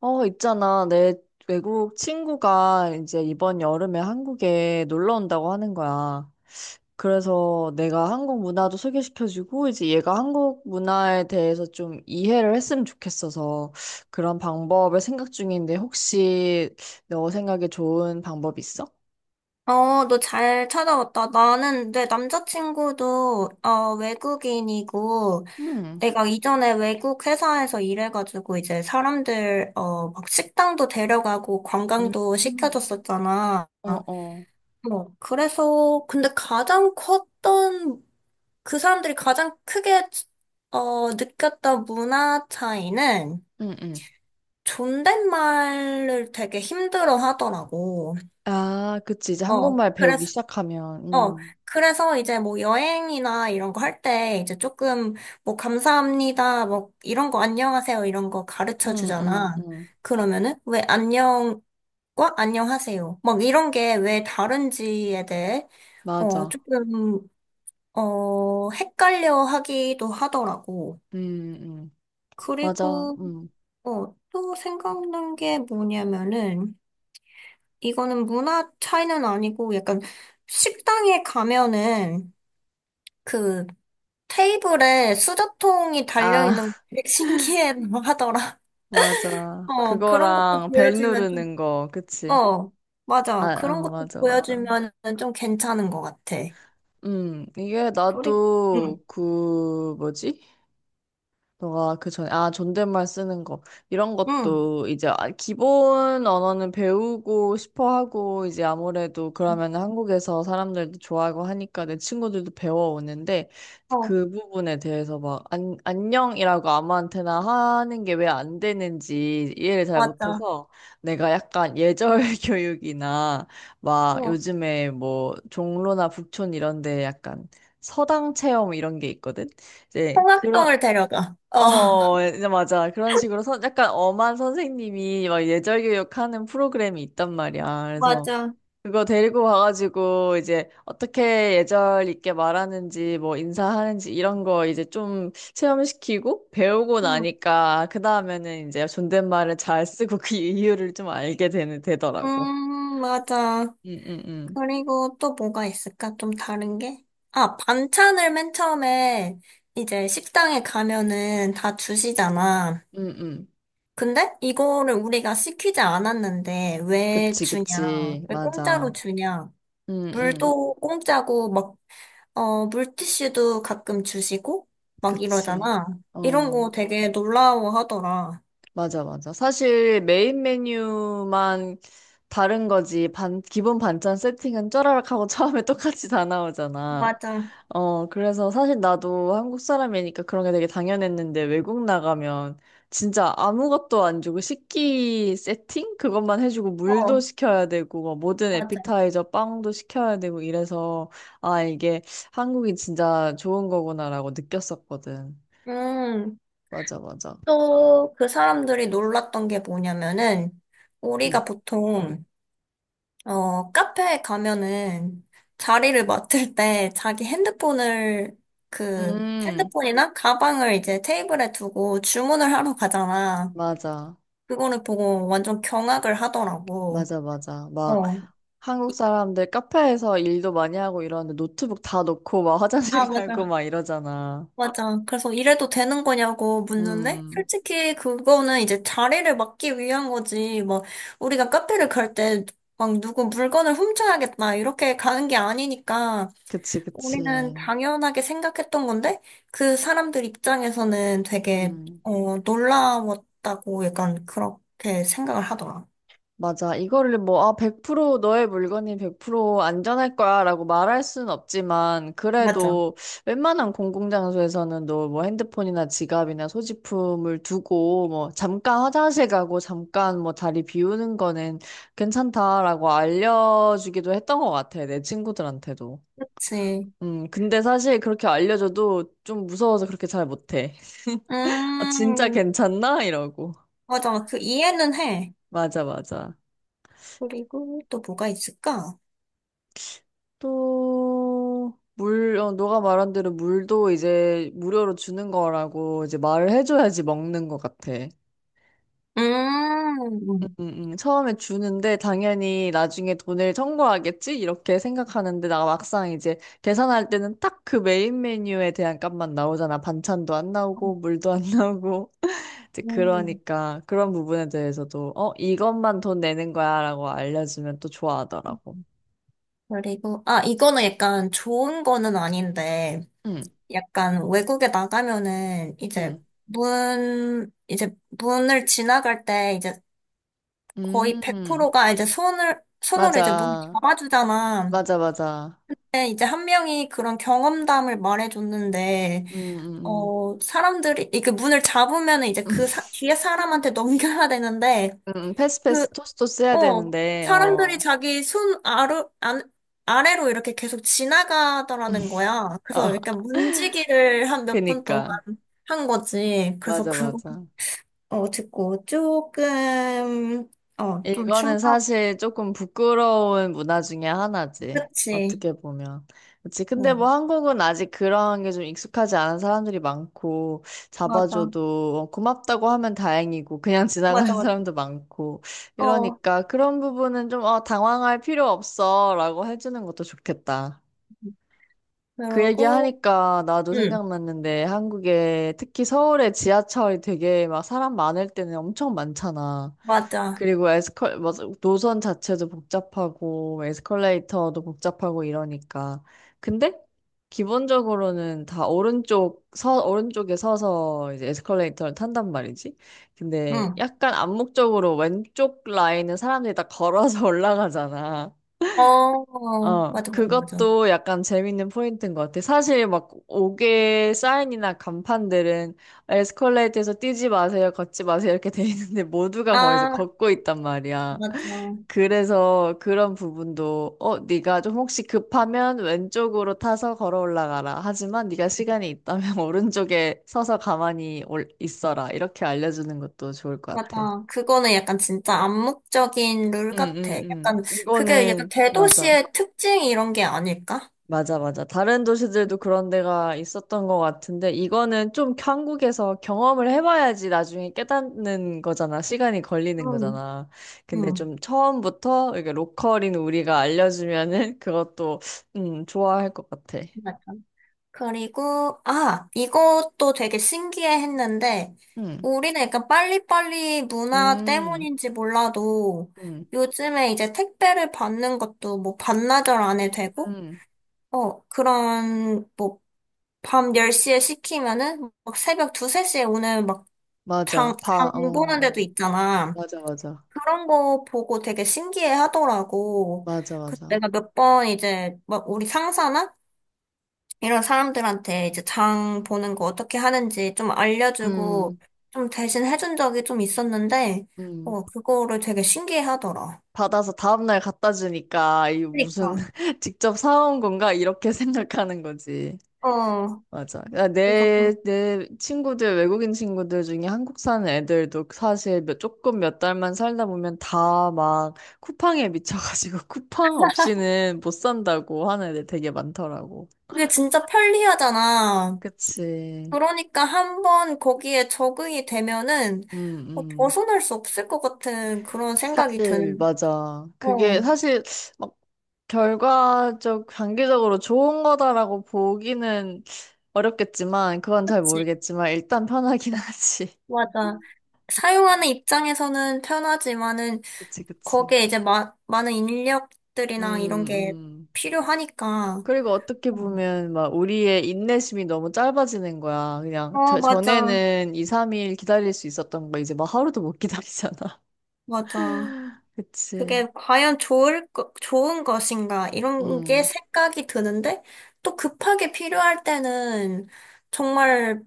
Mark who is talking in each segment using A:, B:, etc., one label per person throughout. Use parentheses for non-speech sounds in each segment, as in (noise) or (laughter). A: 어, 있잖아. 내 외국 친구가 이제 이번 여름에 한국에 놀러 온다고 하는 거야. 그래서 내가 한국 문화도 소개시켜주고, 이제 얘가 한국 문화에 대해서 좀 이해를 했으면 좋겠어서 그런 방법을 생각 중인데, 혹시 너 생각에 좋은 방법 있어?
B: 너 잘 찾아왔다. 나는 내 남자친구도 외국인이고,
A: 음,
B: 내가 이전에 외국 회사에서 일해가지고 이제 사람들 막 식당도 데려가고
A: 음.
B: 관광도
A: 음.
B: 시켜줬었잖아.
A: 어, 어,
B: 그래서 근데 가장 컸던 그 사람들이 가장 크게 느꼈던 문화 차이는
A: 응, 응,
B: 존댓말을 되게 힘들어 하더라고.
A: 아, 그치. 이제
B: 어,
A: 한국말 배우기
B: 그래서
A: 시작하면,
B: 어, 그래서 이제 뭐 여행이나 이런 거 할 때 이제 조금 뭐 감사합니다, 뭐 이런 거 안녕하세요 이런 거 가르쳐
A: 응, 응,
B: 주잖아.
A: 응,
B: 그러면은 왜 안녕과 안녕하세요 막 이런 게 왜 다른지에 대해
A: 맞아.
B: 조금 헷갈려 하기도 하더라고.
A: 응, 응. 맞아.
B: 그리고
A: 음.
B: 또 생각난 게 뭐냐면은 이거는 문화 차이는 아니고 약간 식당에 가면은 그 테이블에 수저통이
A: 아,
B: 달려있는 거
A: (laughs)
B: 되게 신기해 하더라. (laughs)
A: 맞아.
B: 그런 것도
A: 그거랑 벨
B: 보여주면 좀.
A: 누르는 거, 그치?
B: 어,
A: 아,
B: 맞아. 그런
A: 어,
B: 것도
A: 맞아, 맞아.
B: 보여주면 좀 괜찮은 것 같아.
A: 이게
B: 그리, 응,
A: 나도 그, 뭐지? 너가 그 전에, 아, 존댓말 쓰는 거. 이런
B: 응,
A: 것도 이제 기본 언어는 배우고 싶어 하고, 이제 아무래도 그러면 한국에서 사람들도 좋아하고 하니까 내 친구들도 배워오는데,
B: 어,
A: 그 부분에 대해서 막, 안, 안녕이라고 아무한테나 하는 게 왜 안 되는지 이해를 잘
B: 맞아.
A: 못해서, 내가 약간 예절 (laughs) 교육이나, 막
B: 어,
A: 요즘에 뭐, 종로나 북촌 이런 데 약간 서당 체험 이런 게 있거든? 이제 그런
B: 통합동을 데려가.
A: 어,
B: (laughs)
A: 예, 이제 맞아. 그런 식으로 선, 약간 엄한 선생님이 막 예절 교육하는 프로그램이 있단 말이야. 그래서
B: 맞아.
A: 그거 데리고 가가지고 이제 어떻게 예절 있게 말하는지 뭐 인사하는지 이런 거 이제 좀 체험시키고 배우고
B: 응,
A: 나니까 그 다음에는 이제 존댓말을 잘 쓰고 그 이유를 좀 알게 되는, 되더라고.
B: 맞아.
A: 응, 응, 응.
B: 그리고 또 뭐가 있을까? 좀 다른 게? 아, 반찬을 맨 처음에 이제 식당에 가면은 다 주시잖아.
A: 응, 응.
B: 근데 이거를 우리가 시키지 않았는데 왜
A: 그치,
B: 주냐?
A: 그치.
B: 왜 공짜로
A: 맞아.
B: 주냐?
A: 응, 응.
B: 물도 공짜고 막, 물티슈도 가끔 주시고 막
A: 그치.
B: 이러잖아. 이런
A: 어.
B: 거 되게 놀라워하더라.
A: 맞아, 맞아. 사실 메인 메뉴만 다른 거지. 기본 반찬 세팅은 쪼라락하고 (laughs) 처음에 똑같이 다 나오잖아.
B: 맞아.
A: 어, 그래서 사실 나도 한국 사람이니까 그런 게 되게 당연했는데 외국 나가면 진짜 아무것도 안 주고 식기 세팅? 그것만 해주고 물도
B: 어,
A: 시켜야 되고 뭐 모든
B: 맞아.
A: 에피타이저 빵도 시켜야 되고 이래서 아, 이게 한국이 진짜 좋은 거구나라고 느꼈었거든.
B: 음,
A: 맞아, 맞아.
B: 또 그 사람들이 놀랐던 게 뭐냐면은
A: 응.
B: 우리가 보통 카페에 가면은 자리를 맡을 때 자기 핸드폰을 그
A: 음,
B: 핸드폰이나 가방을 이제 테이블에 두고 주문을 하러 가잖아.
A: 맞아.
B: 그거를 보고 완전 경악을 하더라고.
A: 맞아, 맞아. 막
B: 어.
A: 한국 사람들 카페에서 일도 많이 하고 이러는데 노트북 다 놓고 막
B: 아,
A: 화장실 (laughs) 가고
B: 맞아.
A: 막 이러잖아.
B: 맞아. 그래서 이래도 되는 거냐고 묻는데
A: 음,
B: 솔직히 그거는 이제 자리를 맡기 위한 거지. 뭐 우리가 카페를 갈 때 막 누구 물건을 훔쳐야겠다 이렇게 가는 게 아니니까
A: 그치, 그치.
B: 우리는 당연하게 생각했던 건데, 그 사람들 입장에서는 되게,
A: 음.
B: 놀라웠다고 약간 그렇게 생각을 하더라.
A: 맞아. 이거를 뭐, 아, 100% 너의 물건이 100% 안전할 거야 라고 말할 순 없지만,
B: 맞아.
A: 그래도 웬만한 공공장소에서는 너 뭐 핸드폰이나 지갑이나 소지품을 두고, 뭐, 잠깐 화장실 가고, 잠깐 뭐 다리 비우는 거는 괜찮다라고 알려주기도 했던 것 같아. 내 친구들한테도.
B: 그치.
A: 근데 사실 그렇게 알려줘도 좀 무서워서 그렇게 잘 못해. (laughs) 아, 진짜
B: 음,
A: 괜찮나? 이러고.
B: 맞아. 그 이해는 해.
A: 맞아, 맞아.
B: 그리고 또 뭐가 있을까?
A: 또, 물, 어, 너가 말한 대로 물도 이제 무료로 주는 거라고 이제 말을 해줘야지 먹는 것 같아.
B: 음, 음.
A: 음. 처음에 주는데 당연히 나중에 돈을 청구하겠지? 이렇게 생각하는데 나 막상 이제 계산할 때는 딱 그 메인 메뉴에 대한 값만 나오잖아. 반찬도 안 나오고 물도 안 나오고. (laughs) 이제
B: 음.
A: 그러니까 그런 부분에 대해서도 어, 이것만 돈 내는 거야라고 알려주면 또 좋아하더라고.
B: 그리고, 아, 이거는 약간 좋은 거는 아닌데,
A: 응,
B: 약간 외국에 나가면은 이제
A: 응,
B: 이제 문을 지나갈 때 이제 거의
A: 음,
B: 100%가 이제 손으로 이제 문을
A: 맞아.
B: 잡아주잖아.
A: 맞아, 맞아.
B: 근데 이제 한 명이 그런 경험담을 말해줬는데,
A: 음, 음,
B: 사람들이, 이렇게 문을 잡으면 이제 뒤에
A: 음.
B: 사람한테
A: (laughs)
B: (laughs) 넘겨야 되는데, 그,
A: 패스패스 토스토스 해야
B: 어,
A: 되는데,
B: 사람들이
A: 어,
B: 자기 손 아래, 안, 아래로 이렇게 계속 지나가더라는 거야.
A: 어,
B: 그래서 약간
A: (laughs)
B: 문지기를 한 몇 분 동안
A: 그니까.
B: 한 거지. 그래서
A: 맞아,
B: 그거,
A: 맞아.
B: 듣고 조금, 좀
A: 이거는
B: 충격.
A: 사실 조금 부끄러운 문화 중에 하나지.
B: 그치.
A: 어떻게 보면. 그치. 근데
B: 어.
A: 뭐 한국은 아직 그런 게 좀 익숙하지 않은 사람들이 많고,
B: 맞아.
A: 잡아줘도 어, 고맙다고 하면 다행이고, 그냥 지나가는 (laughs)
B: 맞아, 맞아.
A: 사람도 많고,
B: 어,
A: 이러니까 그런 부분은 좀, 어, 당황할 필요 없어. 라고 해주는 것도 좋겠다. 그
B: 그러고,
A: 얘기하니까 나도
B: 응,
A: 생각났는데 한국에 특히 서울의 지하철이 되게 막 사람 많을 때는 엄청 많잖아.
B: 맞아.
A: 그리고 뭐, 노선 자체도 복잡하고 에스컬레이터도 복잡하고 이러니까. 근데 기본적으로는 다 오른쪽, 오른쪽에 서서 이제 에스컬레이터를 탄단 말이지. 근데
B: 응.
A: 약간 암묵적으로 왼쪽 라인은 사람들이 다 걸어서 (laughs) 올라가잖아. 어,
B: 맞아, 맞아, 맞아.
A: 그것도 약간 재밌는 포인트인 것 같아. 사실 막 옥외 사인이나 간판들은 에스컬레이터에서 뛰지 마세요, 걷지 마세요 이렇게 돼 있는데 모두가 거기서
B: 아,
A: 걷고 있단 말이야.
B: 맞아.
A: 그래서 그런 부분도 어, 네가 좀 혹시 급하면 왼쪽으로 타서 걸어 올라가라. 하지만 네가 시간이 있다면 (laughs) 오른쪽에 서서 가만히 있어라. 이렇게 알려주는 것도 좋을 것 같아.
B: 맞아. 그거는 약간 진짜 암묵적인 룰
A: 응,
B: 같아.
A: 응, 응.
B: 약간, 그게 약간
A: 이거는 맞아.
B: 대도시의 특징 이런 게 아닐까?
A: 맞아, 맞아. 다른 도시들도 그런 데가 있었던 것 같은데, 이거는 좀 한국에서 경험을 해봐야지 나중에 깨닫는 거잖아. 시간이 걸리는
B: 응,
A: 거잖아. 근데
B: 응.
A: 좀 처음부터 이게 로컬인 우리가 알려주면은 (laughs) 그것도, 좋아할 것 같아.
B: 그리고, 아, 이것도 되게 신기해 했는데,
A: 음,
B: 우리는 약간 빨리빨리 문화
A: 음,
B: 때문인지 몰라도,
A: 음,
B: 요즘에 이제 택배를 받는 것도 뭐 반나절 안에 되고,
A: 음.
B: 뭐, 밤 10시에 시키면은, 막 새벽 2, 3시에 오는 막
A: 맞아. 어,
B: 장 보는 데도
A: 어.
B: 있잖아.
A: 맞아, 맞아.
B: 그런 거 보고 되게 신기해 하더라고.
A: 맞아,
B: 그래서
A: 맞아.
B: 내가 몇 번 이제, 막 우리 상사나 이런 사람들한테 이제 장 보는 거 어떻게 하는지 좀 알려주고
A: 음,
B: 좀 대신 해준 적이 좀 있었는데,
A: 음.
B: 그거를 되게 신기해 하더라.
A: 받아서 다음날 갖다 주니까 이 무슨
B: 그러니까.
A: (laughs) 직접 사온 건가 이렇게 (laughs) 생각하는 거지.
B: 어,
A: 맞아. 야,
B: 그래서 그-
A: 내 친구들, 외국인 친구들 중에 한국 사는 애들도 사실 몇, 조금 몇 달만 살다 보면 다 막 쿠팡에 미쳐가지고 (laughs) 쿠팡 없이는 못 산다고 하는 애들 되게 많더라고.
B: 그게 진짜 편리하잖아.
A: 그치.
B: 그러니까 한 번 거기에 적응이 되면은
A: 음, 음.
B: 벗어날 수 없을 것 같은 그런 생각이
A: 사실,
B: 드는,
A: 맞아. 그게
B: 어,
A: 사실 막 결과적, 단기적으로 좋은 거다라고 보기는 어렵겠지만, 그건 잘
B: 그치?
A: 모르겠지만, 일단 편하긴 (laughs) 하지.
B: 맞아.
A: 그치,
B: 사용하는 입장에서는 편하지만은
A: 그치, 그치.
B: 거기에 이제 많은
A: 음,
B: 인력들이나 이런 게
A: 음.
B: 필요하니까.
A: 그리고 어떻게 보면, 막, 우리의 인내심이 너무 짧아지는 거야. 그냥, 저,
B: 맞아.
A: 전에는 2, 3일 기다릴 수 있었던 거, 이제 막 하루도 못 기다리잖아.
B: 맞아.
A: (laughs) 그치.
B: 그게 과연 좋은 것인가, 이런 게
A: 음.
B: 생각이 드는데, 또 급하게 필요할 때는 정말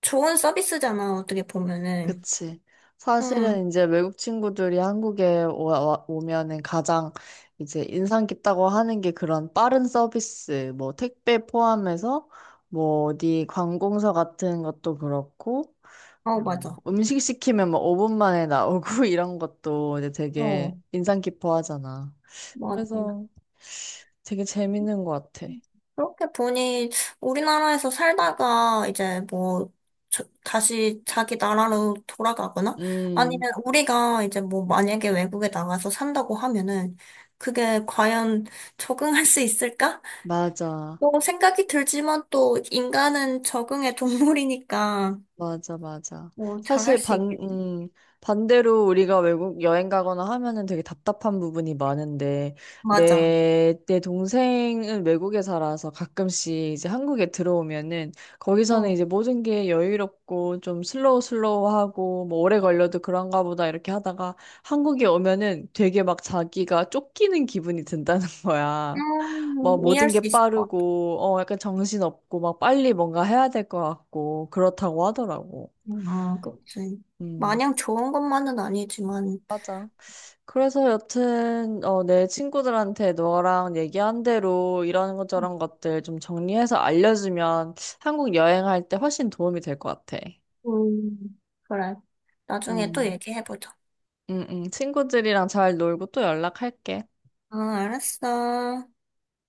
B: 좋은 서비스잖아, 어떻게 보면은.
A: 그치.
B: 응,
A: 사실은 이제 외국 친구들이 한국에 오면은 가장 이제 인상 깊다고 하는 게 그런 빠른 서비스, 뭐 택배 포함해서 뭐 어디 관공서 같은 것도 그렇고,
B: 맞아.
A: 음식 시키면 뭐 5분 만에 나오고 (laughs) 이런 것도 이제
B: 어,
A: 되게 인상 깊어 하잖아.
B: 맞아.
A: 그래서 되게 재밌는 것 같아.
B: 그렇게 보니 우리나라에서 살다가 이제 뭐 다시 자기 나라로 돌아가거나
A: 음,
B: 아니면 우리가 이제 뭐 만약에 외국에 나가서 산다고 하면은 그게 과연 적응할 수 있을까?
A: 맞아.
B: 뭐 생각이 들지만 또 인간은 적응의 동물이니까
A: 맞아, 맞아.
B: 뭐 잘할
A: 사실
B: 수
A: 반,
B: 있겠지.
A: 반대로 우리가 외국 여행 가거나 하면은 되게 답답한 부분이 많은데,
B: 맞아.
A: 내 동생은 외국에 살아서 가끔씩 이제 한국에 들어오면은, 거기서는
B: 어.
A: 이제 모든 게 여유롭고 좀 슬로우 슬로우하고, 뭐 오래 걸려도 그런가 보다 이렇게 하다가, 한국에 오면은 되게 막 자기가 쫓기는 기분이 든다는 (laughs) 거야. 뭐 모든
B: 이해할
A: 게
B: 수 있을 것 같아.
A: 빠르고, 어, 약간 정신 없고, 막 빨리 뭔가 해야 될 것 같고, 그렇다고 하더라고.
B: 아, 그치.
A: 음,
B: 마냥 좋은 것만은 아니지만
A: 맞아. 그래서 여튼, 어, 내 친구들한테 너랑 얘기한 대로 이런 것 저런 것들 좀 정리해서 알려주면 한국 여행할 때 훨씬 도움이 될 것 같아.
B: 그래. 나중에 또
A: 음,
B: 얘기해보자.
A: 친구들이랑 잘 놀고 또 연락할게.
B: 아, 알았어.